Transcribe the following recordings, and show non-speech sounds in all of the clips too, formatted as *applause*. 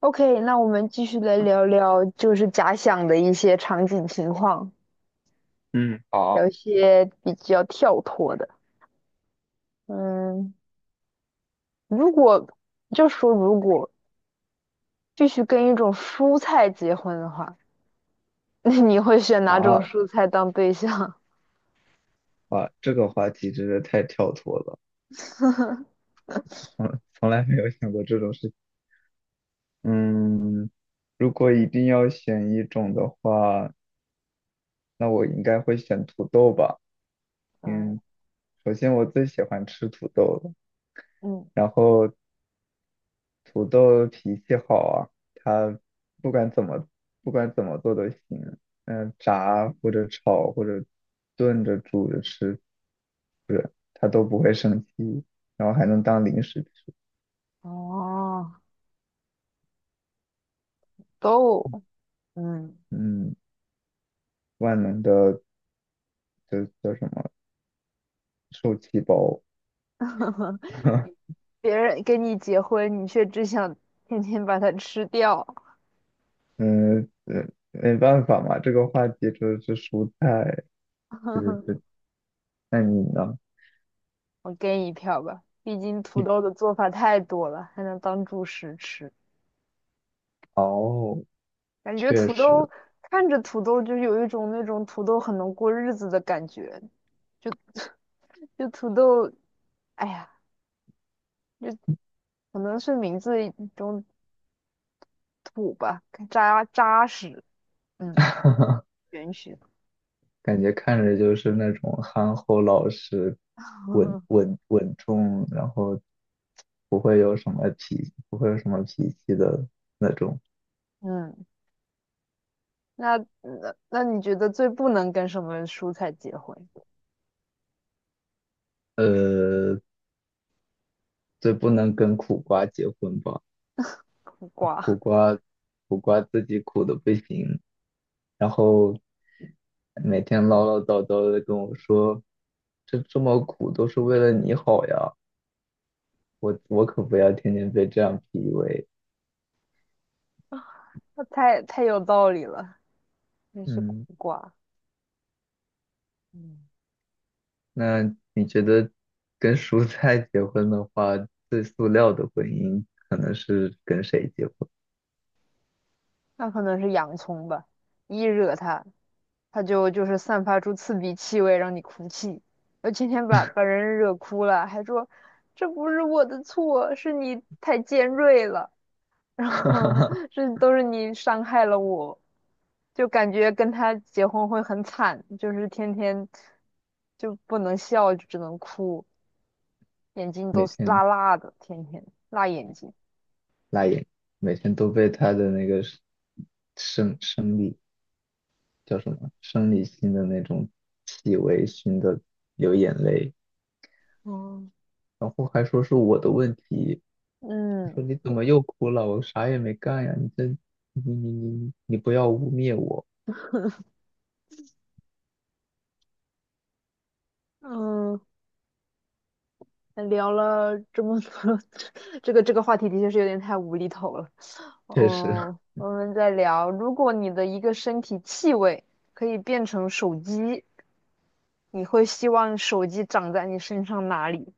OK，那我们继续来聊聊，就是假想的一些场景情况，嗯，好。聊一些比较跳脱的。嗯，如果如果必须跟一种蔬菜结婚的话，那你会选哪种啊，蔬菜当对象？哇，这个话题真的太跳脱了。嗯，从来没有想过这种事情。嗯，如果一定要选一种的话，那我应该会选土豆吧。*laughs* 嗯。嗯，首先我最喜欢吃土豆了，嗯。然后土豆脾气好啊，它不管怎么不管怎么做都行。嗯，炸或者炒或者炖着煮着吃，不是，它都不会生气，然后还能当零食吃。哦，都嗯。嗯。万能的，就叫什么受气包。*laughs* *laughs* 别人跟你结婚，你却只想天天把它吃掉。嗯，呃没办法嘛，这个话题就是蔬菜，对对 *laughs* 对。那你呢？我给你一票吧，毕竟土豆的做法太多了，还能当主食吃。哦，感觉确土豆，实，看着土豆就有一种那种土豆很能过日子的感觉，就就土豆，哎呀，就可能是名字一种土吧，扎扎实，嗯，*laughs* 允许。感觉看着就是那种憨厚老实、*laughs* 稳重，然后不会有什么脾气的那种。嗯。那你觉得最不能跟什么蔬菜结婚？呃，最不能跟苦瓜结婚吧？苦苦瓜。瓜，苦瓜自己苦的不行，然后每天唠唠叨叨的跟我说，这么苦都是为了你好呀，我可不要天天被这样 PUA。*laughs* 那太有道理了，那是苦嗯，瓜，嗯。那你觉得跟蔬菜结婚的话，最塑料的婚姻可能是跟谁结婚？那可能是洋葱吧，一惹它，它就是散发出刺鼻气味，让你哭泣。我今天把人惹哭了，还说这不是我的错，是你太尖锐了，然后 *laughs* 这 *laughs* 都是你伤害了我。就感觉跟他结婚会很惨，就是天天就不能笑，就只能哭，眼睛都每是辣天辣的，天天辣眼睛。辣眼，每天都被他的那个生理叫什么生理性的那种气味熏得流眼泪。哦。然后还说是我的问题，嗯。说你怎么又哭了？我啥也没干呀！你这，你不要污蔑我！嗯，聊了这么多，*laughs* 这个话题的确是有点太无厘头了。确实，*laughs* 嗯，我们再聊，如果你的一个身体气味可以变成手机，你会希望手机长在你身上哪里？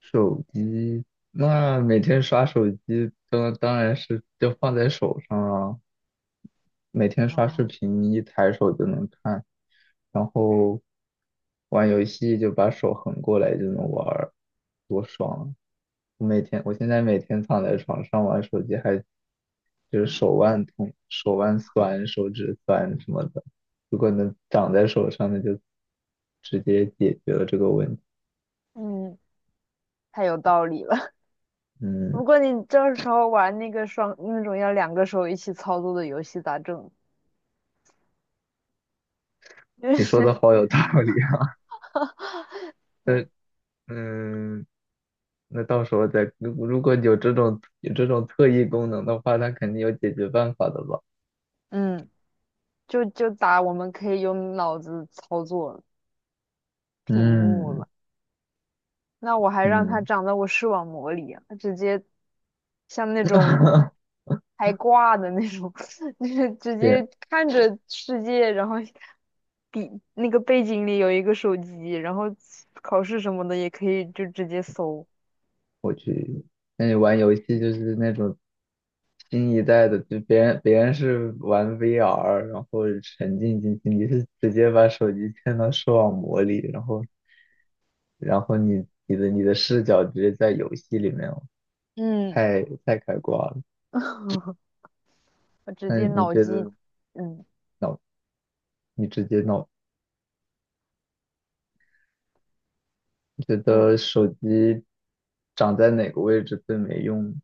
手机那每天刷手机，当然是就放在手上啊，每天刷视哦。频，一抬手就能看。然后玩游戏就把手横过来就能玩儿，多爽啊。我每天，我现在每天躺在床上玩手机还，就是手腕痛、手腕酸、手指酸什么的。如果能长在手上，那就直接解决了这个问题。嗯，太有道理了。*laughs* 嗯，不过你这时候玩那个双那种要两个手一起操作的游戏咋整？*laughs* 就你是。说的好有道理啊。*laughs* 那 *laughs* 嗯，那到时候再，如果有这种特异功能的话，它肯定有解决办法的吧？嗯，就就打我们可以用脑子操作屏幕嗯了。那我还让它嗯，长在我视网膜里啊，它直接像那种 *laughs* 开挂的那种，*laughs* 就是直别接看着世界，然后底那个背景里有一个手机，然后考试什么的也可以就直接搜。我去，那你玩游戏就是那种新一代的，就别人是玩 VR，然后沉浸进去，你是直接把手机嵌到视网膜里，然后然后你的视角直接在游戏里面哦，嗯。太太开挂了。*laughs* 我直那接你脑觉机。得嗯。脑，你直接脑，你觉嗯，得手机长在哪个位置最没用？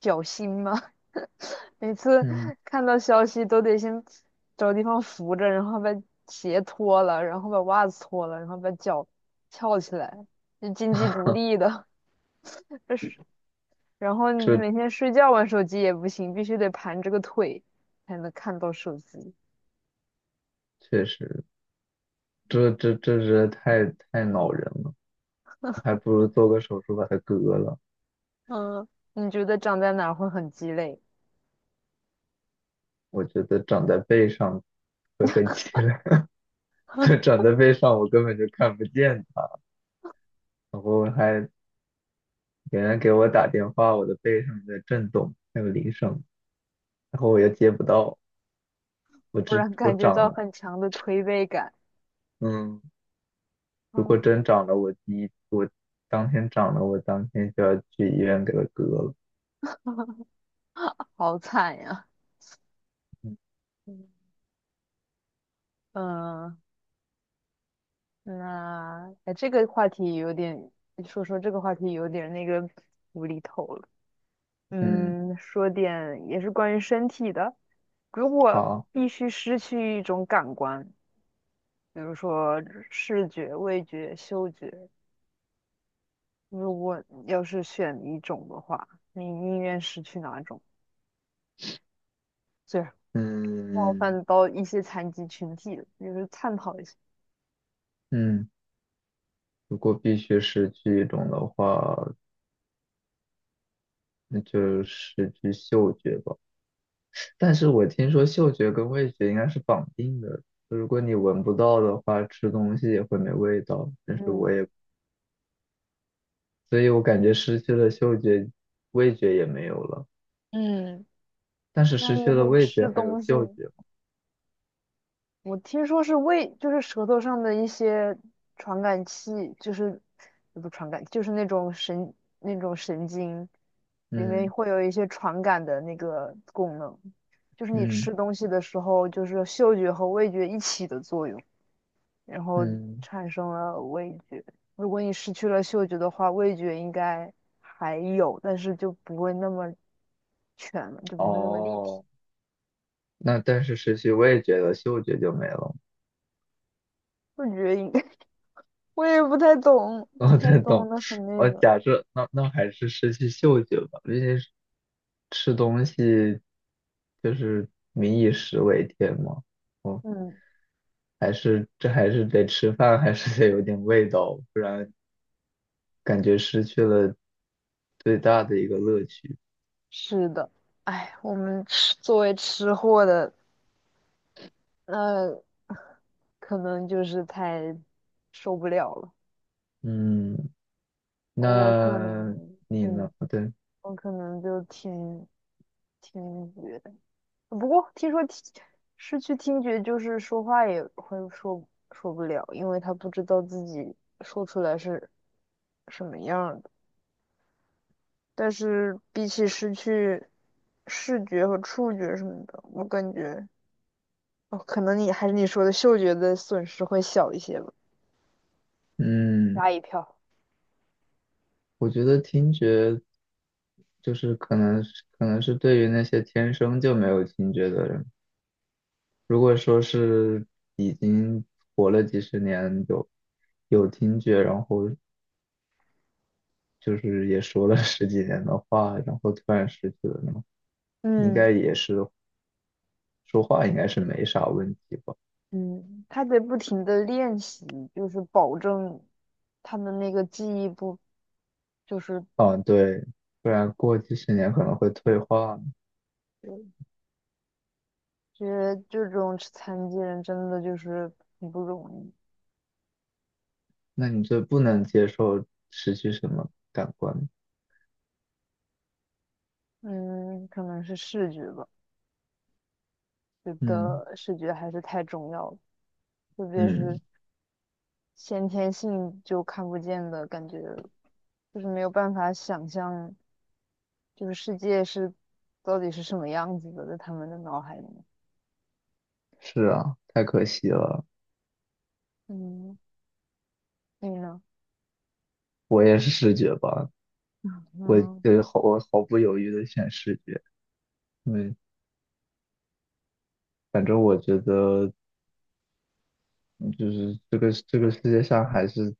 绞心吗？每次嗯，看到消息都得先找地方扶着，然后把鞋脱了，然后把袜子脱了，然后把脚翘起来，就经济独 *laughs* 立的。*laughs* 这是，然后你这每天睡觉玩手机也不行，必须得盘着个腿才能看到手机。确实，这是太恼人了。还不如做个手术把它割了。嗯，你觉得长在哪儿会很鸡肋？我觉得长在背上会很凄凉，*laughs* 就长在背上我根本就看不见它。然后还别人给我打电话，我的背上在震动，那个铃声，然后我又接不到。不然我感觉长到了，很强的推背感。嗯，如果嗯，真长了，我第一我当天长了，我当天就要去医院给它割了。好惨呀。嗯，那哎，这个话题有点，说说这个话题有点那个无厘头了。嗯嗯，嗯，说点也是关于身体的。如果好，必须失去一种感官，比如说视觉、味觉、嗅觉，如果要是选一种的话，你宁愿失去哪种？最冒嗯犯到一些残疾群体的，就是探讨一下。嗯，如果必须失去一种的话，那就失去嗅觉吧。但是我听说嗅觉跟味觉应该是绑定的，如果你闻不到的话，吃东西也会没味道。但是我嗯。也，所以我感觉失去了嗅觉，味觉也没有了。嗯，但是那失以去了后味吃觉还有东西，嗅觉吗？我听说是胃，就是舌头上的一些传感器，就是也不传感，就是那种神，那种神经里面嗯会有一些传感的那个功能，就是你嗯吃东西的时候，就是嗅觉和味觉一起的作用，然后嗯，产生了味觉。如果你失去了嗅觉的话，味觉应该还有，但是就不会那么全了，就不会那么立体。哦，那但是失去味觉了，嗅觉就没了吗？味觉应该 *laughs* 我也不太懂，*laughs* 我不才太再懂动，的很我那个。假设那还是失去嗅觉吧，毕竟是吃东西，就是民以食为天嘛。哦，嗯。还是还是得吃饭，还是得有点味道，不然感觉失去了最大的一个乐趣。是的，哎，我们吃作为吃货的，那、可能就是太受不了了。嗯，我可那能，你嗯，呢？对，我可能就听，听觉。不过听说听，失去听觉，就是说话也会说说不了，因为他不知道自己说出来是什么样儿的。但是比起失去视觉和触觉什么的，我感觉。哦，可能你还是你说的嗅觉的损失会小一些吧。嗯，吓一票。我觉得听觉就是可能是对于那些天生就没有听觉的人。如果说是已经活了几十年，有听觉，然后就是也说了 *laughs* 十几年的话，然后突然失去了呢，应嗯。该也是说话应该是没啥问题吧？嗯，他得不停的练习，就是保证他的那个记忆不，就是啊，对，不然过几十年可能会退化。觉得这种残疾人真的就是很不容易。那你就不能接受失去什么感官？嗯，可能是视觉吧，觉嗯得视觉还是太重要了，特别是嗯，先天性就看不见的感觉，就是没有办法想象这个世界是到底是什么样子的，在他们的脑海里面。是啊，太可惜了。嗯，你呢？我也是视觉吧，我嗯。毫不犹豫的选视觉。因为反正我觉得嗯就是这个世界上还是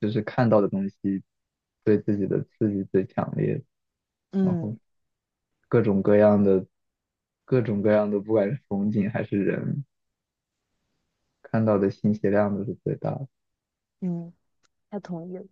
就是看到的东西对自己的刺激最强烈，然后嗯。各种各样的各种各样的，不管是风景还是人，看到的信息量都是最大的。嗯，他同意了。